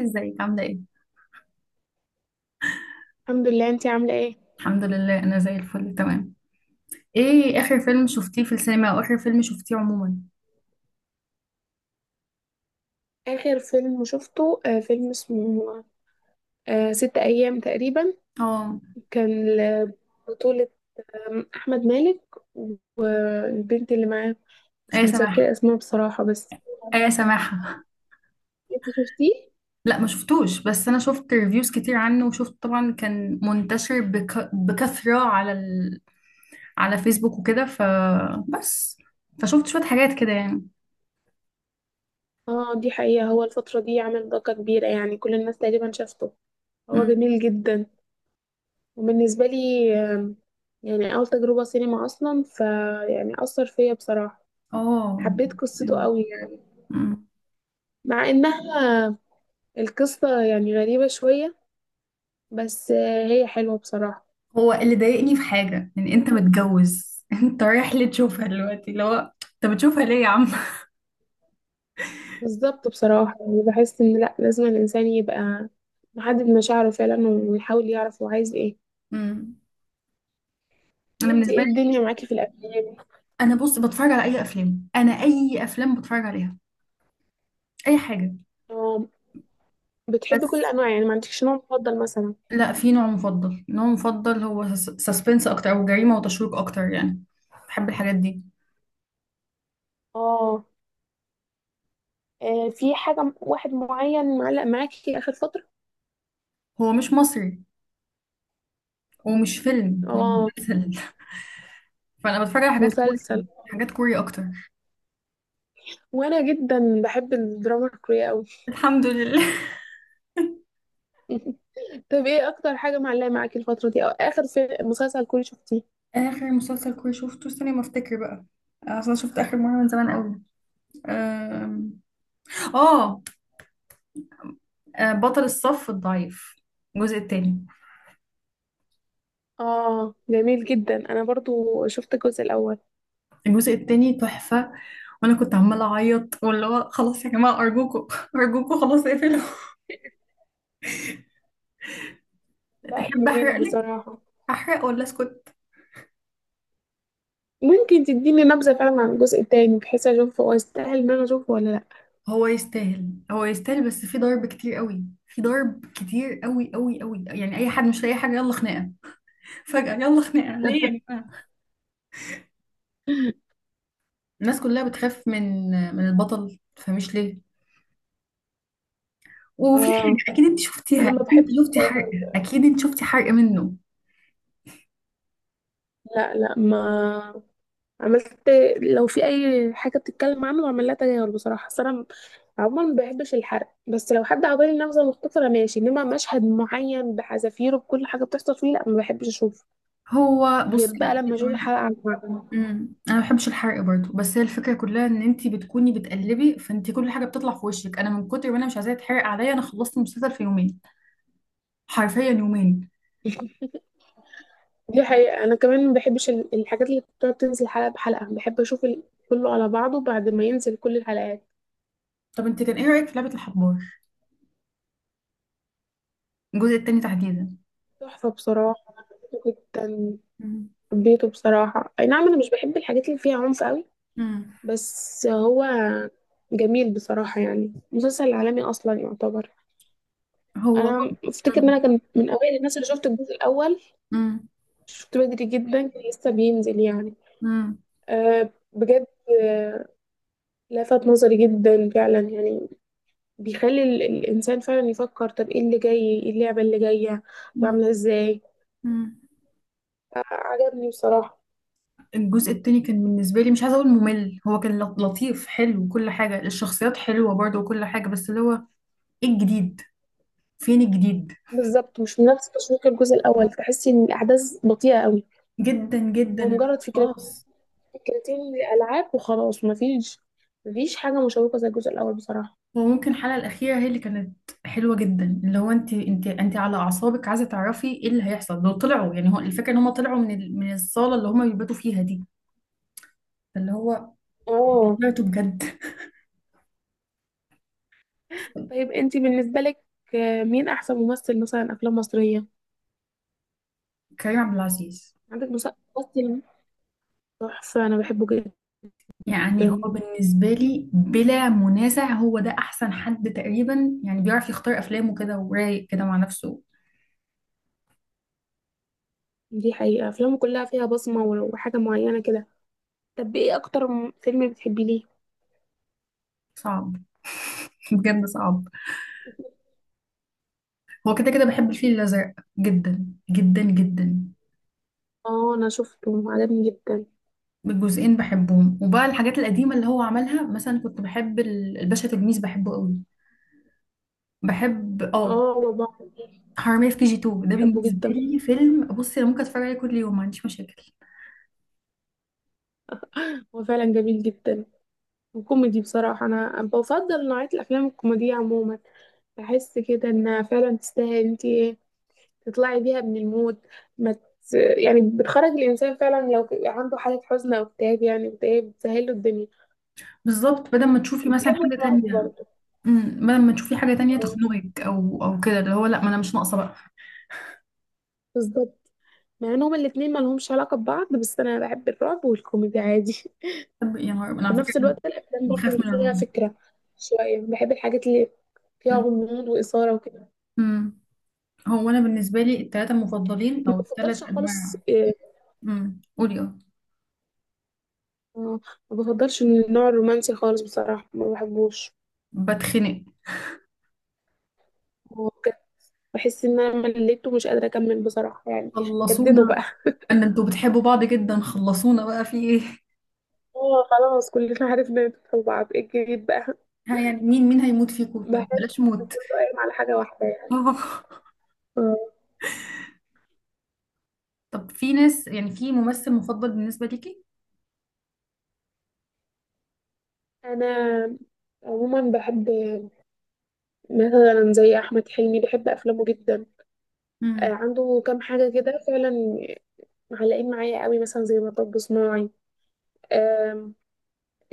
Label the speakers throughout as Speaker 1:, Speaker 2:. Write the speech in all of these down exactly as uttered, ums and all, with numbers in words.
Speaker 1: ازيك عاملة ايه؟
Speaker 2: الحمد لله، انتي عاملة ايه؟
Speaker 1: الحمد لله، انا زي الفل تمام. ايه اخر فيلم شفتيه في السينما او اخر فيلم شفتيه عموما؟
Speaker 2: آخر فيلم شفته آه فيلم اسمه آه ست أيام تقريبا.
Speaker 1: اه.
Speaker 2: كان ل- بطولة آم، أحمد مالك والبنت اللي معاه، مش
Speaker 1: ايه سماحة.
Speaker 2: متذكرة اسمها بصراحة. بس
Speaker 1: ايه سماحة
Speaker 2: انتي شفتيه؟
Speaker 1: لا ما شفتوش، بس انا شفت ريفيوز كتير عنه، وشفت طبعا كان منتشر بك... بكثرة على ال... على فيسبوك وكده، فبس فشفت شوية حاجات كده يعني.
Speaker 2: اه، دي حقيقة. هو الفترة دي عمل ضجة كبيرة، يعني كل الناس تقريبا شافته. هو
Speaker 1: أمم.
Speaker 2: جميل جدا. وبالنسبة لي آم، يعني أول تجربة سينما أصلا، فيعني أثر فيا بصراحة.
Speaker 1: اه.
Speaker 2: حبيت قصته
Speaker 1: أمم.
Speaker 2: قوي يعني،
Speaker 1: أمم.
Speaker 2: مع إنها القصة يعني غريبة شوية، بس آه، هي حلوة بصراحة.
Speaker 1: هو اللي ضايقني في حاجة ان انت
Speaker 2: وانت-
Speaker 1: متجوز انت رايح ليه تشوفها دلوقتي؟ اللي هو انت بتشوفها ليه يا عم؟
Speaker 2: بالظبط بصراحة. يعني بحس ان لا، لازم الانسان يبقى محدد مشاعره فعلا ويحاول يعرف هو عايز ايه.
Speaker 1: أمم. انا
Speaker 2: وانت
Speaker 1: بالنسبة
Speaker 2: ايه
Speaker 1: لي،
Speaker 2: الدنيا معاكي في الافلام؟
Speaker 1: انا بص بتفرج على اي افلام، انا اي افلام بتفرج عليها، اي حاجه.
Speaker 2: اه، بتحبي كل
Speaker 1: بس
Speaker 2: الانواع يعني؟ ما عندكش نوع مفضل مثلا؟
Speaker 1: لا، في نوع مفضل نوع مفضل هو سسبنس اكتر او جريمه وتشويق اكتر يعني، بحب الحاجات دي.
Speaker 2: اه. آه، في حاجة م- واحد معين معلق معاكي اخر فترة؟
Speaker 1: هو مش مصري، ومش فيلم، هو
Speaker 2: اه،
Speaker 1: مسلسل. فانا بتفرج على حاجات كوري
Speaker 2: مسلسل.
Speaker 1: حاجات كوري اكتر.
Speaker 2: وانا جدا بحب الدراما الكورية قوي.
Speaker 1: الحمد لله.
Speaker 2: طب ايه اكتر حاجة معلقة معاكي الفترة دي، او اخر في مسلسل كوري شفتيه؟
Speaker 1: اخر مسلسل كوري شفته، استني ما افتكر بقى. اصلا شفت اخر مره من زمان قوي. أم... اه. آه، بطل الصف الضعيف، الجزء التاني.
Speaker 2: اه، جميل جدا. انا برضو شفت الجزء الاول.
Speaker 1: الجزء التاني تحفة، وانا كنت عمالة اعيط واللي هو خلاص يا جماعة، ارجوكوا ارجوكوا، خلاص اقفلوا.
Speaker 2: لا،
Speaker 1: تحب احرق
Speaker 2: جميل
Speaker 1: لك؟
Speaker 2: بصراحة.
Speaker 1: احرق ولا اسكت؟
Speaker 2: ممكن تديني نبذة فعلا عن الجزء التاني، بحيث اشوفه هو يستاهل ان انا اشوفه ولا لا؟
Speaker 1: هو يستاهل هو يستاهل، بس في ضرب كتير قوي، في ضرب كتير قوي قوي قوي يعني، اي حد مش لاقي حاجة يلا خناقة. فجأة يلا خناقة، ليه يا جماعة؟ الناس كلها بتخاف من من البطل، فمش ليه. وفي حاجة
Speaker 2: اه،
Speaker 1: اكيد انت شفتيها،
Speaker 2: انا ما
Speaker 1: اكيد انت
Speaker 2: بحبش
Speaker 1: شفتي
Speaker 2: بصراحة.
Speaker 1: حرق، اكيد انت شفتي حرق منه.
Speaker 2: لا لا، ما عملت. لو في اي حاجة بتتكلم عنه بعمل لها تجاهل بصراحة. أصل انا عموما ما بحبش الحرق. بس لو حد عطاني نبذة مختصرة ماشي، انما مشهد معين بحذافيره بكل حاجة بتحصل فيه، لا ما بحبش اشوفه
Speaker 1: هو
Speaker 2: غير
Speaker 1: بصي،
Speaker 2: بقى
Speaker 1: يعني
Speaker 2: لما
Speaker 1: أنا
Speaker 2: اشوف
Speaker 1: كمان،
Speaker 2: الحلقة عن بعضها.
Speaker 1: امم انا ما بحبش الحرق برضو، بس هي الفكره كلها ان انت بتكوني بتقلبي، فانت كل حاجه بتطلع في وشك. انا من كتر ما انا مش عايزاه يتحرق عليا، انا خلصت المسلسل في يومين، حرفيا يومين.
Speaker 2: دي حقيقة أنا كمان ما بحبش ال- الحاجات اللي بتقعد تنزل حلقة بحلقة. بحب أشوف ال- كله على بعضه بعد ما ينزل كل الحلقات.
Speaker 1: طب انت كان ايه رايك في لعبه الحبار، الجزء التاني تحديدا؟
Speaker 2: تحفة بصراحة. حبيته جدا.
Speaker 1: امم.
Speaker 2: حبيته بصراحة. أي نعم، أنا مش بحب الحاجات اللي فيها عنف قوي،
Speaker 1: امم.
Speaker 2: بس هو جميل بصراحة، يعني مسلسل عالمي أصلا يعتبر.
Speaker 1: هو،
Speaker 2: أنا أفتكر إن أنا كان من أوائل الناس اللي شفت الجزء الأول.
Speaker 1: امم.
Speaker 2: شفت بدري جدا، كان لسه بينزل يعني.
Speaker 1: امم.
Speaker 2: أه، بجد. أه، لفت نظري جدا فعلا يعني. بيخلي ال- الإنسان فعلا يفكر، طب ايه اللي جاي؟ ايه اللعبة اللي جاية؟ طب
Speaker 1: امم.
Speaker 2: عاملة ازاي؟
Speaker 1: امم.
Speaker 2: آه، عجبني بصراحة.
Speaker 1: الجزء التاني كان بالنسبه لي، مش عايزه اقول ممل، هو كان لط- لطيف حلو وكل حاجه، الشخصيات حلوه برضو وكل حاجه، بس اللي هو ايه الجديد؟ فين الجديد؟
Speaker 2: بالظبط، مش من نفس تشويق الجزء الأول. تحسي إن الأحداث بطيئة قوي.
Speaker 1: جدا جدا
Speaker 2: هو
Speaker 1: اللي
Speaker 2: مجرد فكرة،
Speaker 1: هو خلاص.
Speaker 2: فكرتين الألعاب وخلاص. مفيش، مفيش حاجة مشوقة زي الجزء الأول بصراحة.
Speaker 1: وممكن الحلقة الأخيرة هي اللي كانت حلوة جدا، اللي هو انت انت انت على أعصابك عايزة تعرفي ايه اللي هيحصل لو طلعوا، يعني هو الفكرة ان هم طلعوا من ال... من الصالة اللي هم بيباتوا فيها دي، اللي هو
Speaker 2: اه.
Speaker 1: طلعته بجد.
Speaker 2: طيب، انتي بالنسبة لك آه، مين أحسن ممثل مثلا أفلام مصرية
Speaker 1: كريم عبد العزيز.
Speaker 2: عندك؟ مس- ممثل تحفة، أنا بحبه
Speaker 1: يعني هو
Speaker 2: جدا.
Speaker 1: بالنسبة لي بلا منازع، هو ده أحسن حد تقريبا، يعني بيعرف يختار أفلامه كده، ورايق كده مع نفسه.
Speaker 2: دي حقيقة أفلامه كلها فيها بصمة وحاجة معينة كده. طب ايه أكتر م- فيلم بتحبيه ليه؟
Speaker 1: صعب. بجد صعب. هو كده كده بحب الفيل الأزرق، جدا، جدا جدا.
Speaker 2: اه، انا شفته عجبني جدا.
Speaker 1: الجزئين بحبهم. وبقى الحاجات القديمة اللي هو عملها، مثلا كنت بحب ال- الباشا تلميذ، بحبه قوي، بحب. اه
Speaker 2: اه، هو بحر.
Speaker 1: حرامية في كي جي اتنين، ده
Speaker 2: بحبه
Speaker 1: بالنسبة
Speaker 2: جدا.
Speaker 1: لي فيلم بصي انا ممكن اتفرج عليه كل يوم، ما عنديش مشاكل.
Speaker 2: هو فعلا جميل جدا وكوميدي بصراحة. انا بفضل نوعية الافلام الكوميدية عموما. بحس كده انها فعلا تستاهل. انت إيه، تطلعي بيها من المود. ما ت... يعني بتخرج الانسان فعلا. لو عنده حالة حزن او اكتئاب، يعني اكتئاب، بتسهل له الدنيا.
Speaker 1: بالظبط، بدل ما تشوفي مثلا
Speaker 2: وبحب
Speaker 1: حاجة
Speaker 2: الرعب
Speaker 1: تانية.
Speaker 2: برضه.
Speaker 1: امم. بدل ما تشوفي حاجة تانية
Speaker 2: اه،
Speaker 1: تخنقك او او كده، اللي هو لا، ما انا مش ناقصة بقى.
Speaker 2: بالظبط. مع ان هما الاتنين ما لهمش علاقة ببعض، بس انا بحب الرعب والكوميدي عادي.
Speaker 1: طب يا نهار، انا
Speaker 2: وفي
Speaker 1: على فكرة
Speaker 2: نفس
Speaker 1: انا
Speaker 2: الوقت الافلام برضه
Speaker 1: بخاف من
Speaker 2: اللي فيها
Speaker 1: الرعب.
Speaker 2: فكره شويه. بحب الحاجات اللي فيها
Speaker 1: أمم.
Speaker 2: غموض واثاره وكده.
Speaker 1: أمم. هو انا بالنسبة لي التلاتة المفضلين،
Speaker 2: ما
Speaker 1: او التلات
Speaker 2: بفضلش خالص
Speaker 1: انواع.
Speaker 2: إيه،
Speaker 1: امم، قولي. اه.
Speaker 2: آه، ما بفضلش النوع الرومانسي خالص بصراحه، ما بحبوش.
Speaker 1: بتخنق.
Speaker 2: هو بجد بحس ان انا مليته، مش قادره اكمل بصراحه يعني. جددوا
Speaker 1: خلصونا،
Speaker 2: بقى.
Speaker 1: ان انتوا بتحبوا بعض جدا، خلصونا بقى، في ايه؟
Speaker 2: اه خلاص، كلنا عرفنا ندخل بعض. ايه الجديد بقى؟
Speaker 1: ها يعني مين مين هيموت فيكم؟ طيب
Speaker 2: بحس
Speaker 1: بلاش موت.
Speaker 2: إنه قايم على حاجه واحده يعني.
Speaker 1: آه.
Speaker 2: آه.
Speaker 1: طب في ناس، يعني في ممثل مفضل بالنسبة ليكي؟
Speaker 2: انا عموما بحب مثلا زي احمد حلمي، بحب افلامه جدا. آه،
Speaker 1: مم.
Speaker 2: عنده كام حاجه كده فعلا معلقين معايا قوي، مثلا زي مطب صناعي. آم،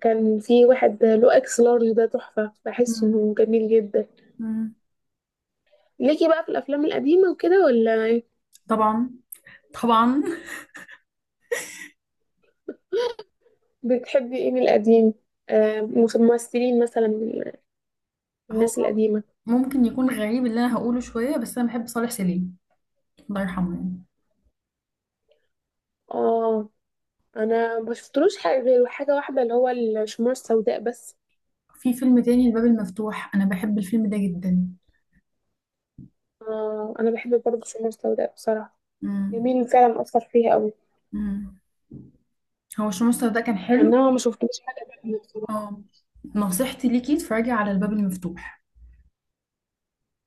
Speaker 2: كان في واحد له اكس لارج، ده تحفة. بحس
Speaker 1: مم.
Speaker 2: انه جميل جدا.
Speaker 1: مم.
Speaker 2: ليكي بقى في الافلام القديمة وكده ولا إيه؟
Speaker 1: طبعا، طبعا.
Speaker 2: بتحبي ايه من القديم؟ آم، ممثلين مثلا من
Speaker 1: هو
Speaker 2: الناس القديمة.
Speaker 1: ممكن يكون غريب اللي انا هقوله شوية، بس انا بحب صالح سليم، الله يرحمه، يعني.
Speaker 2: اه، انا ما شفتلوش حاجة غير حاجة واحدة، اللي هو الشموع السوداء بس.
Speaker 1: في فيلم تاني، الباب المفتوح، انا بحب الفيلم ده جدا.
Speaker 2: آه، انا بحب برضه الشموع السوداء بصراحة.
Speaker 1: مم.
Speaker 2: جميل فعلا، اثر فيها قوي.
Speaker 1: مم. هو شو مستر ده كان حلو.
Speaker 2: انما ما شفتلوش حاجة تانية بصراحة.
Speaker 1: اه. نصيحتي ليكي اتفرجي على الباب المفتوح.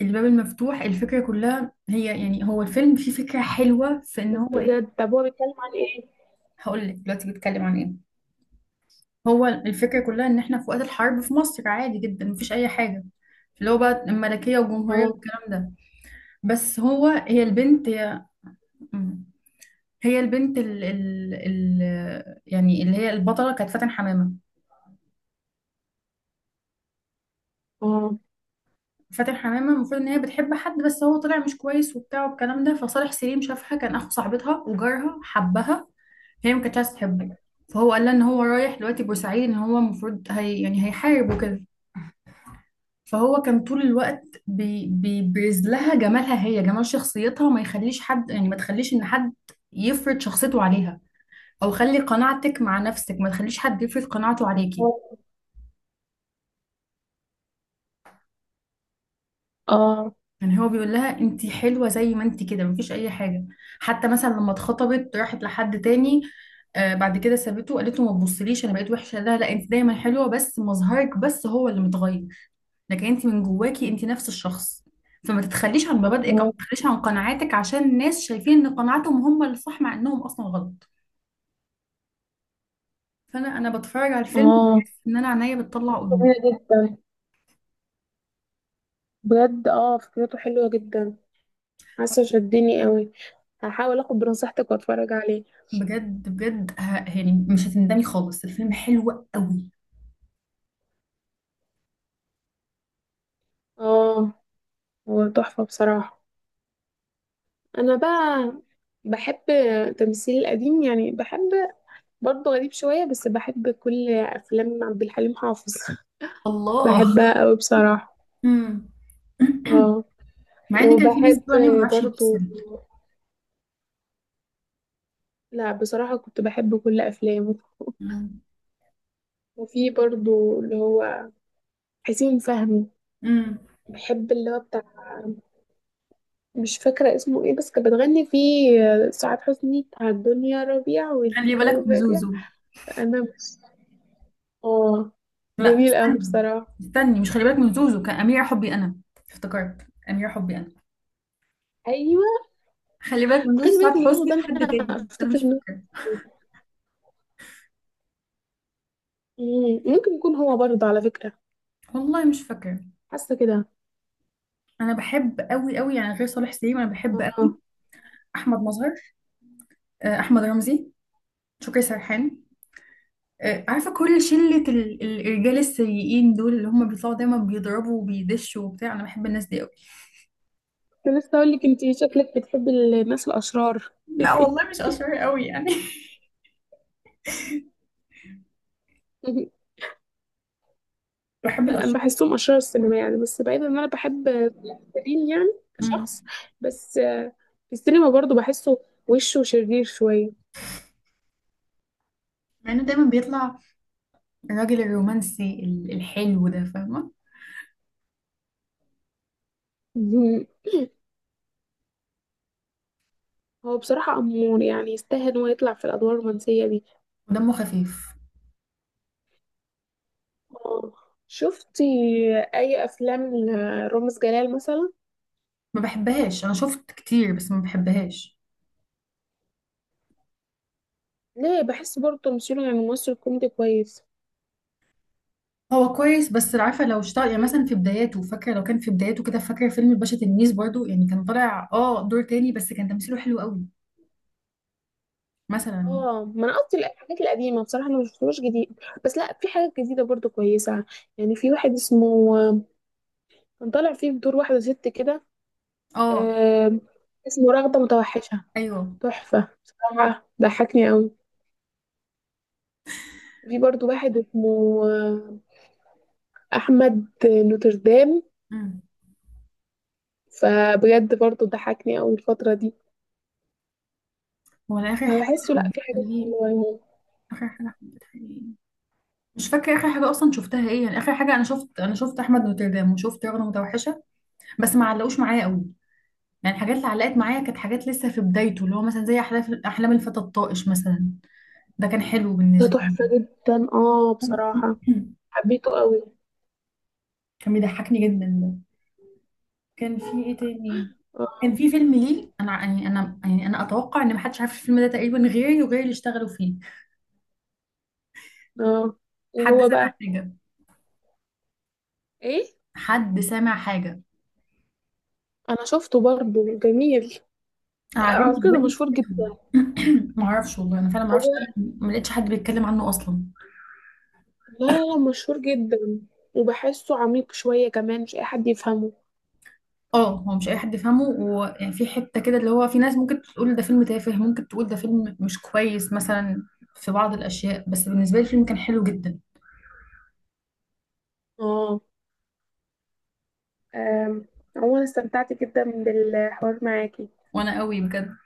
Speaker 1: الباب المفتوح، الفكرة كلها هي، يعني هو الفيلم فيه فكرة حلوة في ان هو ايه.
Speaker 2: بجد، طب هو بيتكلم عن ايه؟
Speaker 1: هقول لك دلوقتي بيتكلم عن ايه. هو الفكرة كلها ان احنا في وقت الحرب في مصر، عادي جدا، مفيش اي حاجة، اللي هو بقى الملكية والجمهورية
Speaker 2: اه.
Speaker 1: والكلام ده. بس هو، هي البنت، هي، مم. هي البنت، ال ال ال يعني اللي هي البطلة، كانت فاتن حمامة.
Speaker 2: اه.
Speaker 1: فاتن حمامة المفروض ان هي بتحب حد، بس هو طلع مش كويس وبتاع والكلام ده. فصالح سليم شافها، كان اخو صاحبتها وجارها، حبها. هي ما كانتش عايزة تحبه، فهو قال لها ان هو رايح دلوقتي بورسعيد، ان هو المفروض هي يعني هيحارب وكده. فهو كان طول الوقت بي بيبرز لها جمالها، هي جمال شخصيتها، وما يخليش حد يعني، ما تخليش ان حد يفرض شخصيته عليها، او خلي قناعتك مع نفسك، ما تخليش حد يفرض قناعته عليكي.
Speaker 2: اه.
Speaker 1: يعني هو بيقول لها انت حلوة زي ما انت كده، مفيش اي حاجة. حتى مثلا لما اتخطبت، راحت لحد تاني، آه، بعد كده سابته وقالت له ما تبصليش انا بقيت وحشة، لا لا، انت دايما حلوة، بس مظهرك بس هو اللي متغير، لكن انت من جواكي انت نفس الشخص. فما تتخليش عن مبادئك، او ما
Speaker 2: اه.
Speaker 1: تتخليش عن قناعاتك، عشان الناس شايفين ان قناعاتهم هم اللي صح، مع انهم اصلا غلط. فانا انا بتفرج على الفيلم،
Speaker 2: اه،
Speaker 1: بحس ان انا عينيا بتطلع قلوب.
Speaker 2: جميلة جدا. بجد اه، فكرته حلوة جدا. حاسة شدني قوي. هحاول اخد بنصيحتك واتفرج عليه.
Speaker 1: بجد بجد، ه... يعني مش هتندمي خالص، الفيلم حلو قوي.
Speaker 2: اه، هو تحفة بصراحة. انا بقى بحب تمثيل القديم. يعني بحب برضه، غريب شوية بس بحب كل افلام عبد الحليم حافظ.
Speaker 1: الله.
Speaker 2: بحبها قوي بصراحة.
Speaker 1: امم.
Speaker 2: اه.
Speaker 1: مع ان كان في ناس
Speaker 2: وبحب
Speaker 1: بتقول عليه ما بيعرفش
Speaker 2: برضه،
Speaker 1: يمثل.
Speaker 2: لا بصراحة كنت بحب كل افلامه.
Speaker 1: امم.
Speaker 2: وفي برضه اللي هو حسين فهمي.
Speaker 1: امم.
Speaker 2: بحب اللي هو بتاع، مش فاكرة اسمه ايه، بس كانت بتغني فيه آه، سعاد حسني، بتاع الدنيا ربيع
Speaker 1: خلي
Speaker 2: والجو
Speaker 1: بالك من
Speaker 2: بادئ.
Speaker 1: زوزو.
Speaker 2: فأنا مش، اه،
Speaker 1: لا
Speaker 2: جميل أوي
Speaker 1: استني،
Speaker 2: بصراحة.
Speaker 1: استني، مش خلي بالك من زوزو، كان امير حبي انا. افتكرت، امير حبي انا.
Speaker 2: أيوة،
Speaker 1: خلي بالك من زوجي،
Speaker 2: خلي
Speaker 1: سعاد
Speaker 2: بالك من زوزو
Speaker 1: حسني
Speaker 2: ده. أنا
Speaker 1: وحد تاني، بس انا
Speaker 2: أفتكر
Speaker 1: مش
Speaker 2: إنه
Speaker 1: فاكره.
Speaker 2: مم، ممكن يكون هو برضه على فكرة.
Speaker 1: والله مش فاكره.
Speaker 2: حاسة كده.
Speaker 1: انا بحب قوي قوي يعني، غير صالح سليم، انا بحب قوي
Speaker 2: اه،
Speaker 1: احمد مظهر، آه، احمد رمزي، شكري سرحان، آه، عارفه كل شله ال- ال- الرجال السيئين دول، اللي هم بيطلعوا دايما بيضربوا وبيدشوا وبتاع، انا بحب الناس دي قوي.
Speaker 2: كنت لسه أقول لك، أنتي شكلك بتحبي الناس الأشرار.
Speaker 1: لا والله، مش اشهر قوي يعني. بحب
Speaker 2: لا، انا
Speaker 1: الاشهر
Speaker 2: بحسهم اشرار
Speaker 1: قوي.
Speaker 2: السينما يعني، بس بعيدا ان انا بحب سيرين يعني كشخص.
Speaker 1: امم.
Speaker 2: بس آه، في السينما برضو بحسه وشه شرير شويه.
Speaker 1: لانه دايما بيطلع الراجل الرومانسي ال- الحلو ده، فاهمه،
Speaker 2: مهم. هو بصراحه امور، يعني يستاهل انه يطلع في الادوار الرومانسيه دي.
Speaker 1: ودمه خفيف.
Speaker 2: آه، شفتي اي افلام رامز جلال مثلا؟
Speaker 1: ما بحبهاش، انا شفت كتير بس ما بحبهاش.
Speaker 2: ليه؟ بحس برضو تمثيله يعني ممثل كوميدي كويس.
Speaker 1: هو كويس، بس عارفه لو اشتغل يعني، مثلا في بداياته، فاكره لو كان في بداياته كده، فاكره فيلم الباشا تلميذ برضو يعني، كان طالع اه دور تاني، بس كان تمثيله حلو قوي مثلا.
Speaker 2: اه، ما انا قصدي الحاجات القديمه بصراحه. انا مشفتهاش جديد، بس لا في حاجات جديده برضو كويسه. يعني في واحد اسمه، كان طالع فيه بدور واحده ست كده
Speaker 1: اه.
Speaker 2: آه، اسمه رغدة متوحشة.
Speaker 1: ايوه.
Speaker 2: تحفة بصراحة، ضحكني قوي. في برضو واحد اسمه آه، أحمد نوتردام.
Speaker 1: امم.
Speaker 2: فبجد برضو ضحكني قوي الفترة دي.
Speaker 1: هو أنا اخر حاجه
Speaker 2: فبحسه لأ، في
Speaker 1: حبيتها
Speaker 2: حاجات
Speaker 1: ليه،
Speaker 2: حلوة يعني.
Speaker 1: اخر حاجه حبيتها ليه، مش فاكره اخر حاجه اصلا شفتها ايه، يعني اخر حاجه انا شفت انا شفت احمد نوتردام وشفت رغده متوحشه، بس ما علقوش معايا قوي. يعني الحاجات اللي علقت معايا كانت حاجات لسه في بدايته، اللي هو مثلا زي احلام احلام الفتى الطائش مثلا، ده كان حلو
Speaker 2: ده
Speaker 1: بالنسبه لي.
Speaker 2: تحفة جدا اه بصراحة. حبيته قوي.
Speaker 1: كان بيضحكني جدا. كان في ايه تاني؟ كان
Speaker 2: اه.
Speaker 1: في فيلم ليه، انا يعني انا يعني انا اتوقع ان محدش عارف الفيلم ده تقريبا غيري وغير اللي اشتغلوا فيه.
Speaker 2: اه، إيه
Speaker 1: حد
Speaker 2: هو
Speaker 1: سامع
Speaker 2: بقى؟
Speaker 1: حاجه؟
Speaker 2: ايه؟
Speaker 1: حد سامع حاجه؟
Speaker 2: انا شفته برضو، جميل.
Speaker 1: انا
Speaker 2: لا
Speaker 1: عاجبني
Speaker 2: على فكرة، ده
Speaker 1: دلوقتي
Speaker 2: مشهور
Speaker 1: فكرته.
Speaker 2: جدا.
Speaker 1: ما اعرفش والله، انا فعلا ما
Speaker 2: هو،
Speaker 1: اعرفش،
Speaker 2: لا
Speaker 1: ما لقيتش حد بيتكلم عنه اصلا.
Speaker 2: لا، لا مشهور جدا. وبحسه عميق شوية كمان، مش اي حد يفهمه.
Speaker 1: اه هو مش اي حد يفهمه، ويعني في حته كده اللي هو في ناس ممكن تقول ده فيلم تافه، ممكن تقول ده فيلم مش كويس مثلا، في بعض الاشياء، بس بالنسبه لي الفيلم كان حلو جدا.
Speaker 2: اه. أم، عموما استمتعت جدا بالحوار معاكي.
Speaker 1: وانا قوي بجد.